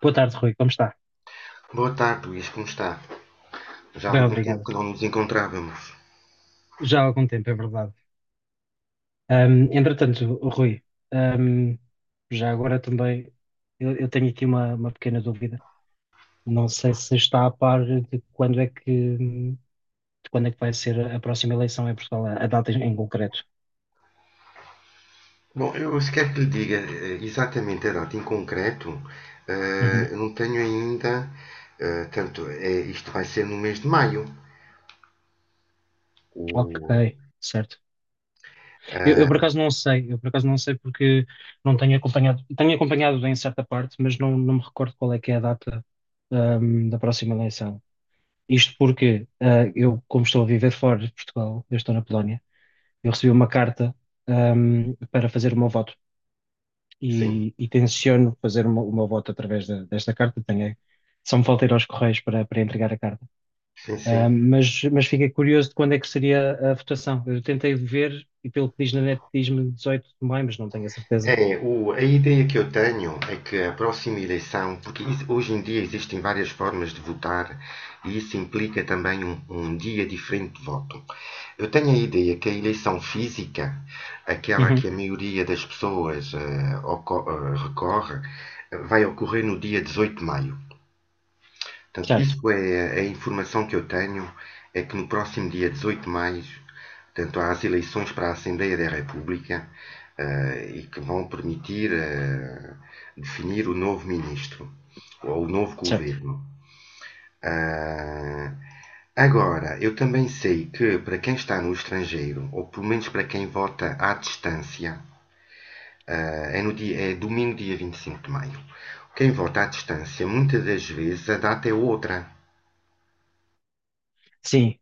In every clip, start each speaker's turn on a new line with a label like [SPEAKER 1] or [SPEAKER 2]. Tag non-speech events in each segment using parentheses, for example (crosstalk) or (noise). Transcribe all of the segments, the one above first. [SPEAKER 1] Boa tarde, Rui. Como está?
[SPEAKER 2] Boa tarde, Luís, como está? Já há
[SPEAKER 1] Bem,
[SPEAKER 2] algum tempo
[SPEAKER 1] obrigado.
[SPEAKER 2] que não nos encontrávamos.
[SPEAKER 1] Já há algum tempo, é verdade. Entretanto, Rui, ahm, já agora também eu tenho aqui uma pequena dúvida. Não sei se está a par de quando é que vai ser a próxima eleição em Portugal, a data em concreto.
[SPEAKER 2] Bom, eu se quer que lhe diga exatamente a data em concreto,
[SPEAKER 1] Uhum.
[SPEAKER 2] eu não tenho ainda, tanto, é, isto vai ser no mês de maio.
[SPEAKER 1] Ok,
[SPEAKER 2] O,
[SPEAKER 1] certo. Eu por
[SPEAKER 2] ah,
[SPEAKER 1] acaso não sei, eu por acaso não sei porque não tenho acompanhado, tenho acompanhado em certa parte, mas não me recordo qual é que é a data, da próxima eleição. Isto porque eu, como estou a viver fora de Portugal, eu estou na Polónia, eu recebi uma carta para fazer o meu voto
[SPEAKER 2] sim,
[SPEAKER 1] e, tenciono fazer o meu voto através da- desta carta. Tenho, só me falta ir aos Correios para entregar a carta.
[SPEAKER 2] sim,
[SPEAKER 1] Ah,
[SPEAKER 2] sim.
[SPEAKER 1] mas fiquei curioso de quando é que seria a votação. Eu tentei ver e pelo que diz na net diz-me 18 de maio, mas não tenho a certeza.
[SPEAKER 2] É, a ideia que eu tenho é que a próxima eleição, porque hoje em dia existem várias formas de votar e isso implica também um dia diferente de voto. Eu tenho a ideia que a eleição física, aquela que
[SPEAKER 1] Uhum.
[SPEAKER 2] a maioria das pessoas recorre, vai ocorrer no dia 18 de maio. Portanto,
[SPEAKER 1] Certo,
[SPEAKER 2] isso é a informação que eu tenho, é que no próximo dia 18 de maio, portanto, há as eleições para a Assembleia da República e que vão permitir definir o novo ministro ou o novo
[SPEAKER 1] certo.
[SPEAKER 2] governo. Ah, agora, eu também sei que para quem está no estrangeiro, ou pelo menos para quem vota à distância, ah, é, no dia, é domingo, dia 25 de maio. Quem vota à distância, muitas das vezes a data é outra.
[SPEAKER 1] Sim.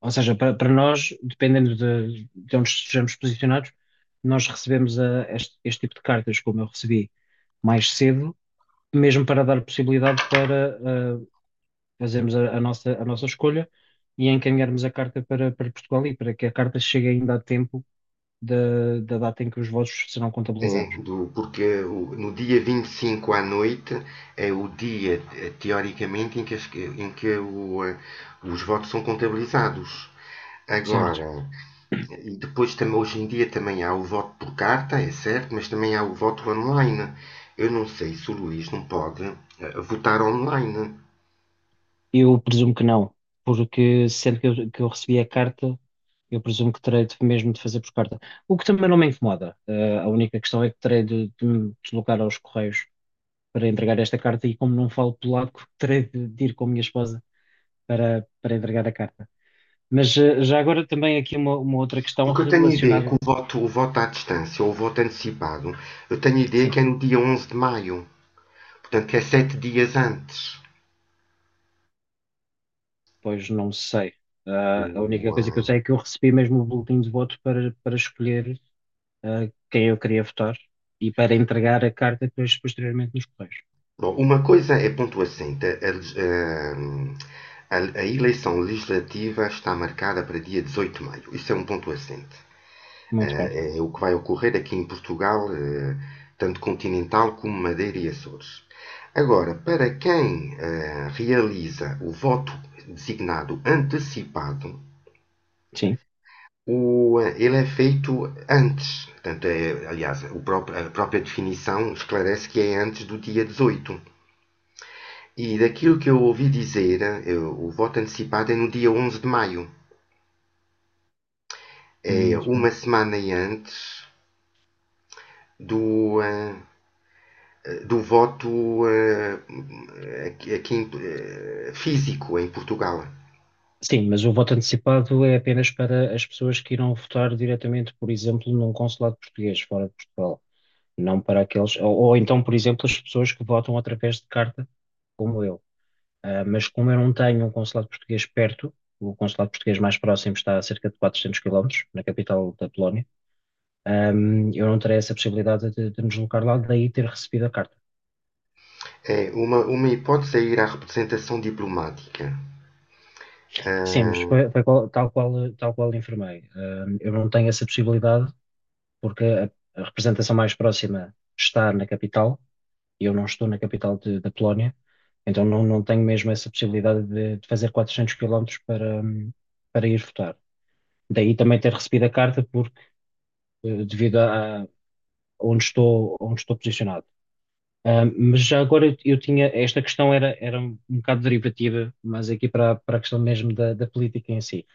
[SPEAKER 1] Ou seja, para nós, dependendo de onde estejamos posicionados, nós recebemos a- este tipo de cartas, como eu recebi mais cedo, mesmo para dar possibilidade para ah, fazermos a nossa escolha e encaminharmos a carta para Portugal e para que a carta chegue ainda a tempo da data em que os votos serão
[SPEAKER 2] É,
[SPEAKER 1] contabilizados,
[SPEAKER 2] porque no dia 25 à noite é o dia, teoricamente, em que os votos são contabilizados.
[SPEAKER 1] certo?
[SPEAKER 2] Agora, e depois também, hoje em dia também há o voto por carta, é certo, mas também há o voto online. Eu não sei se o Luís não pode votar online.
[SPEAKER 1] Eu presumo que não, porque sendo que eu recebi a carta, eu presumo que terei de, mesmo de fazer por carta. O que também não me incomoda. A única questão é que terei de me deslocar aos Correios para entregar esta carta e, como não falo polaco, (laughs) terei de ir com a minha esposa para entregar a carta. Mas já agora também aqui uma outra questão
[SPEAKER 2] Porque eu tenho a ideia que
[SPEAKER 1] relacionada.
[SPEAKER 2] o voto à distância ou o voto antecipado, eu tenho a ideia
[SPEAKER 1] Sim,
[SPEAKER 2] que é no dia 11 de maio. Portanto, é 7 dias antes.
[SPEAKER 1] pois não sei. Ah, a única
[SPEAKER 2] O,
[SPEAKER 1] coisa que eu
[SPEAKER 2] ah,
[SPEAKER 1] sei é que eu recebi mesmo o boletim de voto para escolher. Eh, quem eu queria votar e para entregar a carta depois posteriormente nos correios.
[SPEAKER 2] Bom, uma coisa é pontuacente. A eleição legislativa está marcada para dia 18 de maio. Isso é um ponto assente.
[SPEAKER 1] Muito bem,
[SPEAKER 2] É o que vai ocorrer aqui em Portugal, tanto continental como Madeira e Açores. Agora, para quem realiza o voto designado antecipado,
[SPEAKER 1] sim,
[SPEAKER 2] ele é feito antes. Portanto, é, aliás, a própria definição esclarece que é antes do dia 18. E daquilo que eu ouvi dizer, o voto antecipado é no dia 11 de maio. É
[SPEAKER 1] muito bem.
[SPEAKER 2] uma semana antes do, eh, do voto eh, aqui, físico em Portugal.
[SPEAKER 1] Sim, mas o voto antecipado é apenas para as pessoas que irão votar diretamente, por exemplo, num consulado português fora de Portugal, não para aqueles, ou então, por exemplo, as pessoas que votam através de carta, como eu. Ah, mas como eu não tenho um consulado português perto, o consulado português mais próximo está a cerca de 400 quilómetros, na capital da Polónia. ah, eu não terei essa possibilidade de me deslocar lá, daí ter recebido a carta.
[SPEAKER 2] É uma hipótese é ir à representação diplomática.
[SPEAKER 1] Sim, mas
[SPEAKER 2] Ah,
[SPEAKER 1] foi tal qual informei. Eu não tenho essa possibilidade porque a representação mais próxima está na capital e eu não estou na capital de- da Polónia, então não tenho mesmo essa possibilidade de fazer 400 quilómetros para, para ir votar. Daí também ter recebido a carta porque devido a onde estou posicionado. Mas já agora eu tinha, esta questão era um bocado derivativa, mas aqui para, a- para a questão mesmo da política em si.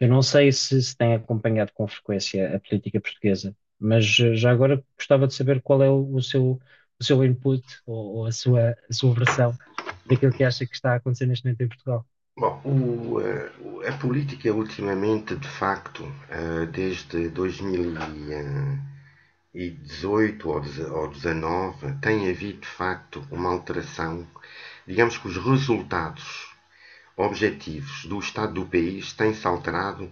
[SPEAKER 1] Eu não sei se se tem acompanhado com frequência a política portuguesa, mas já agora gostava de saber qual é o seu input ou a sua versão daquilo que acha que está a acontecer neste momento em Portugal.
[SPEAKER 2] Bom, a política ultimamente, de facto, desde 2000 e 18 ou 19 tem havido de facto uma alteração. Digamos que os resultados objetivos do estado do país têm-se alterado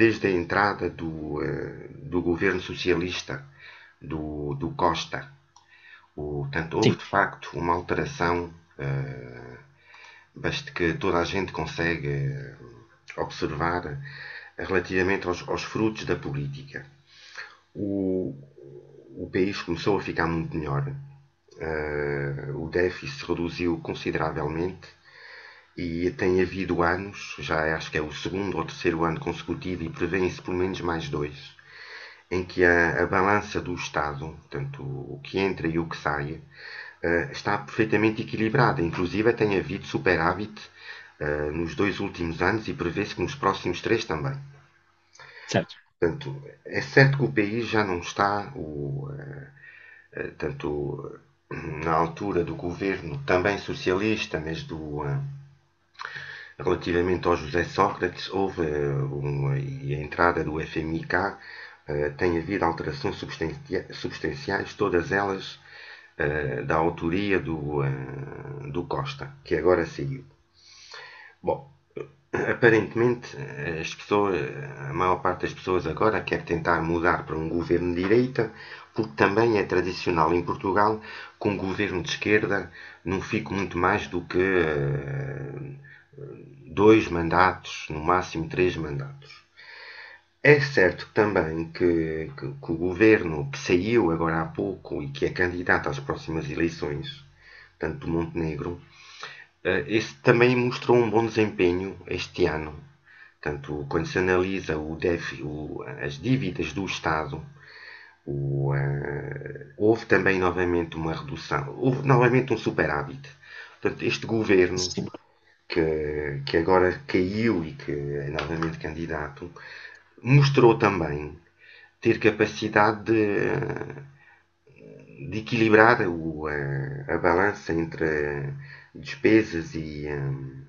[SPEAKER 2] desde a entrada do governo socialista do Costa. Portanto, houve
[SPEAKER 1] Sim,
[SPEAKER 2] de facto uma alteração basta que toda a gente consegue observar relativamente aos frutos da política, o, o país começou a ficar muito melhor. O déficit se reduziu consideravelmente e tem havido anos, já acho que é o segundo ou terceiro ano consecutivo e prevêem-se pelo menos mais dois, em que a balança do Estado, portanto o que entra e o que sai, está perfeitamente equilibrada. Inclusive tem havido superávit nos dois últimos anos e prevê-se que nos próximos três também.
[SPEAKER 1] certo.
[SPEAKER 2] Portanto, é certo que o país já não está, tanto na altura do governo também socialista, mas relativamente ao José Sócrates, houve uma, e a entrada do FMIK tem havido alterações substanciais, todas elas da autoria do Costa, que agora saiu. Bom, aparentemente, as pessoas, a maior parte das pessoas agora quer tentar mudar para um governo de direita, porque também é tradicional em Portugal que um governo de esquerda não fique muito mais do que dois mandatos, no máximo três mandatos. É certo também que o governo que saiu agora há pouco e que é candidato às próximas eleições, tanto do Montenegro, esse também mostrou um bom desempenho este ano. Portanto, quando se analisa as dívidas do Estado, houve também novamente uma redução, houve novamente um superávit. Portanto, este governo,
[SPEAKER 1] Sim.
[SPEAKER 2] que agora caiu e que é novamente candidato, mostrou também ter capacidade de equilibrar a balança entre despesas e,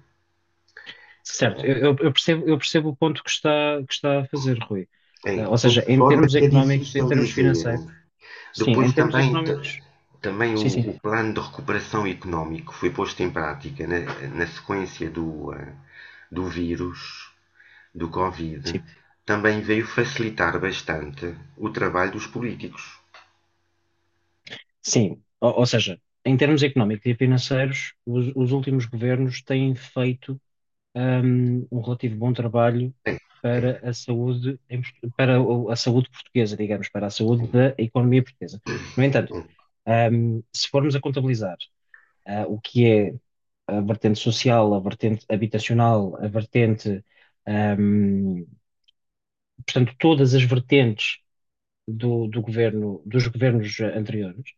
[SPEAKER 1] Certo, eu percebo, eu percebo o ponto que está a fazer, Rui.
[SPEAKER 2] é,
[SPEAKER 1] Ah, ou
[SPEAKER 2] tem
[SPEAKER 1] seja, em
[SPEAKER 2] forma
[SPEAKER 1] termos
[SPEAKER 2] que é
[SPEAKER 1] económicos, em
[SPEAKER 2] difícil
[SPEAKER 1] termos
[SPEAKER 2] dizer.
[SPEAKER 1] financeiros, sim, em
[SPEAKER 2] Depois
[SPEAKER 1] termos
[SPEAKER 2] também,
[SPEAKER 1] económicos,
[SPEAKER 2] também
[SPEAKER 1] sim,
[SPEAKER 2] o,
[SPEAKER 1] sim.
[SPEAKER 2] o plano de recuperação económico foi posto em prática na sequência do vírus, do Covid,
[SPEAKER 1] Sim,
[SPEAKER 2] também veio facilitar bastante o trabalho dos políticos.
[SPEAKER 1] sim. Ou seja, em termos económicos e financeiros, os últimos governos têm feito um relativo bom trabalho
[SPEAKER 2] É,
[SPEAKER 1] para
[SPEAKER 2] é,
[SPEAKER 1] a saúde, em Port- para o- a saúde portuguesa, digamos, para a saúde
[SPEAKER 2] é,
[SPEAKER 1] da economia portuguesa. No entanto,
[SPEAKER 2] é.
[SPEAKER 1] um, se formos a contabilizar, o que é a vertente social, a vertente habitacional, a vertente, um, portanto, todas as vertentes do governo, dos governos anteriores,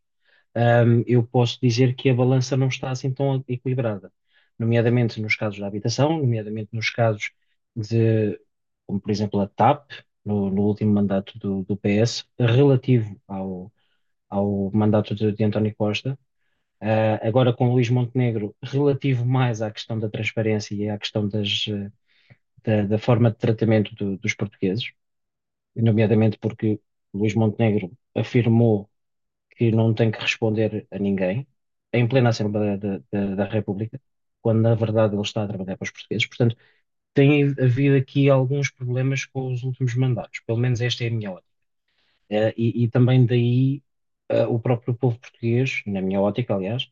[SPEAKER 1] eu posso dizer que a balança não está assim tão equilibrada, nomeadamente nos casos da habitação, nomeadamente nos casos de, como por exemplo a TAP, no último mandato do PS, relativo ao mandato de António Costa. Agora com Luís Montenegro, relativo mais à questão da transparência e à questão das, da forma de tratamento do- dos portugueses, nomeadamente porque Luís Montenegro afirmou que não tem que responder a ninguém, em plena Assembleia da República, quando na verdade ele está a trabalhar para os portugueses. Portanto, tem havido aqui alguns problemas com os últimos mandatos, pelo menos esta é a minha ótica. E também daí, o próprio povo português, na minha ótica, aliás,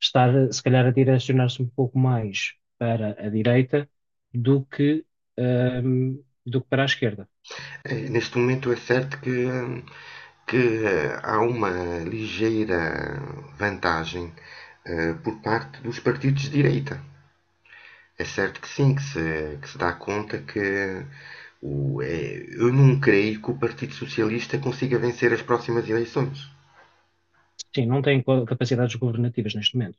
[SPEAKER 1] estar se calhar a direcionar-se um pouco mais para a direita do que, ehm, do que para a esquerda.
[SPEAKER 2] É, neste momento é certo que há uma ligeira vantagem por parte dos partidos de direita. É certo que sim, que se dá conta que é, eu não creio que o Partido Socialista consiga vencer as próximas eleições.
[SPEAKER 1] Sim, não tem co- capacidades governativas neste momento.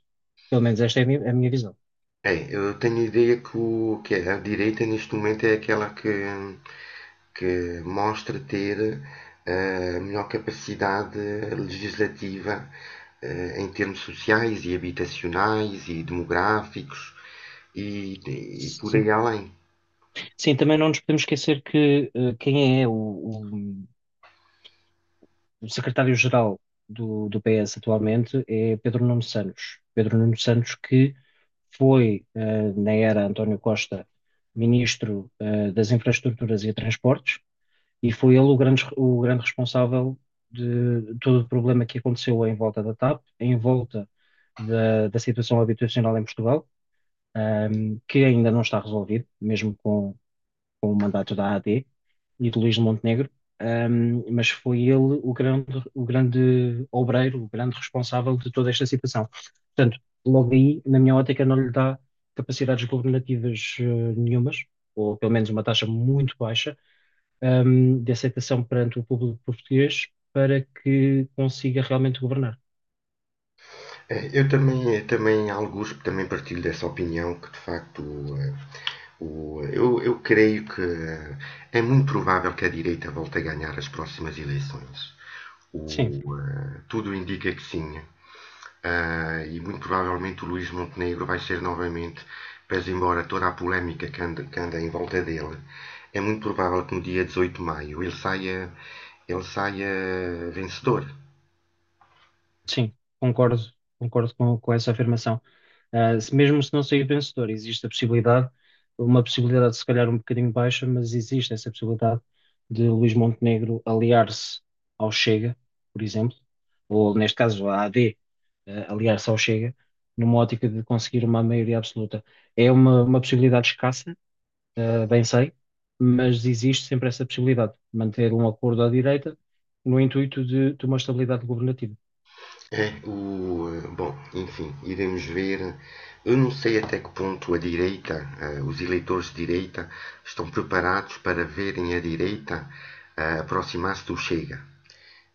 [SPEAKER 1] Pelo menos esta é a minha visão.
[SPEAKER 2] É, eu tenho a ideia que a direita neste momento é aquela que mostra ter a melhor capacidade legislativa em termos sociais e habitacionais e demográficos e, e por
[SPEAKER 1] Sim.
[SPEAKER 2] aí além.
[SPEAKER 1] Sim, também não nos podemos esquecer que quem é o secretário-geral do PS atualmente é Pedro Nuno Santos. Pedro Nuno Santos que foi, na era António Costa, ministro, das Infraestruturas e Transportes, e foi ele o grande responsável de todo o problema que aconteceu em volta da TAP, em volta da situação habitacional em Portugal, que ainda não está resolvido, mesmo com o mandato da AD e de Luís de Montenegro. Mas foi ele o grande, o grande obreiro, o grande responsável de toda esta situação. Portanto, logo aí, na minha ótica, não lhe dá capacidades governativas nenhumas, ou pelo menos uma taxa muito baixa, de aceitação perante o público português para que consiga realmente governar.
[SPEAKER 2] É, Eu também alguns também partilho dessa opinião que de facto eh, eu creio que é muito provável que a direita volte a ganhar as próximas eleições.
[SPEAKER 1] Sim.
[SPEAKER 2] Tudo indica que sim. E muito provavelmente o Luís Montenegro vai ser novamente, pese embora toda a polémica que anda em volta dele, é muito provável que no dia 18 de maio ele saia vencedor.
[SPEAKER 1] Sim, concordo, concordo com essa afirmação. Ah, se- mesmo se não sair vencedor, existe a possibilidade, uma possibilidade se calhar um bocadinho baixa, mas existe essa possibilidade de Luís Montenegro aliar-se ao Chega, por exemplo, ou neste caso à AD, aliar-se ao Chega, numa ótica de conseguir uma maioria absoluta. É uma possibilidade escassa, bem sei, mas existe sempre essa possibilidade, manter um acordo à direita no intuito de uma estabilidade governativa.
[SPEAKER 2] É, bom, enfim, iremos ver. Eu não sei até que ponto os eleitores de direita, estão preparados para verem a direita aproximar-se do Chega.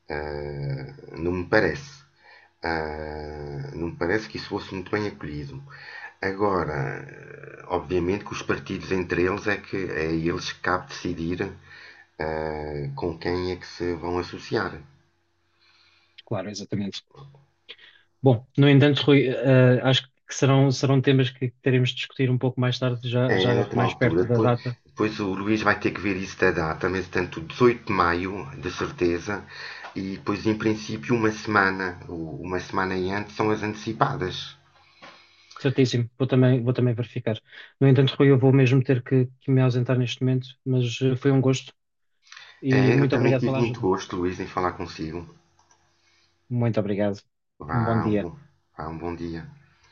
[SPEAKER 2] Eh, não me parece. Não me parece que isso fosse muito bem acolhido. Agora, obviamente que os partidos entre eles é que é eles que cabe decidir com quem é que se vão associar.
[SPEAKER 1] Claro, exatamente. Bom, no entanto, Rui, acho que serão temas que teremos de discutir um pouco mais tarde,
[SPEAKER 2] É,
[SPEAKER 1] já
[SPEAKER 2] noutra
[SPEAKER 1] mais
[SPEAKER 2] altura.
[SPEAKER 1] perto da
[SPEAKER 2] Depois,
[SPEAKER 1] data.
[SPEAKER 2] depois o Luís vai ter que ver isso da data, mas tanto 18 de maio, de certeza, e depois, em princípio, uma semana, ou uma semana e antes, são as antecipadas.
[SPEAKER 1] Certíssimo, vou também verificar. No entanto, Rui, eu vou mesmo ter que me ausentar neste momento, mas foi um gosto e
[SPEAKER 2] É, eu
[SPEAKER 1] muito
[SPEAKER 2] também
[SPEAKER 1] obrigado
[SPEAKER 2] tive
[SPEAKER 1] pela
[SPEAKER 2] muito
[SPEAKER 1] ajuda.
[SPEAKER 2] gosto, Luís, em falar consigo.
[SPEAKER 1] Muito obrigado. Um bom
[SPEAKER 2] Vá,
[SPEAKER 1] dia.
[SPEAKER 2] um bom dia.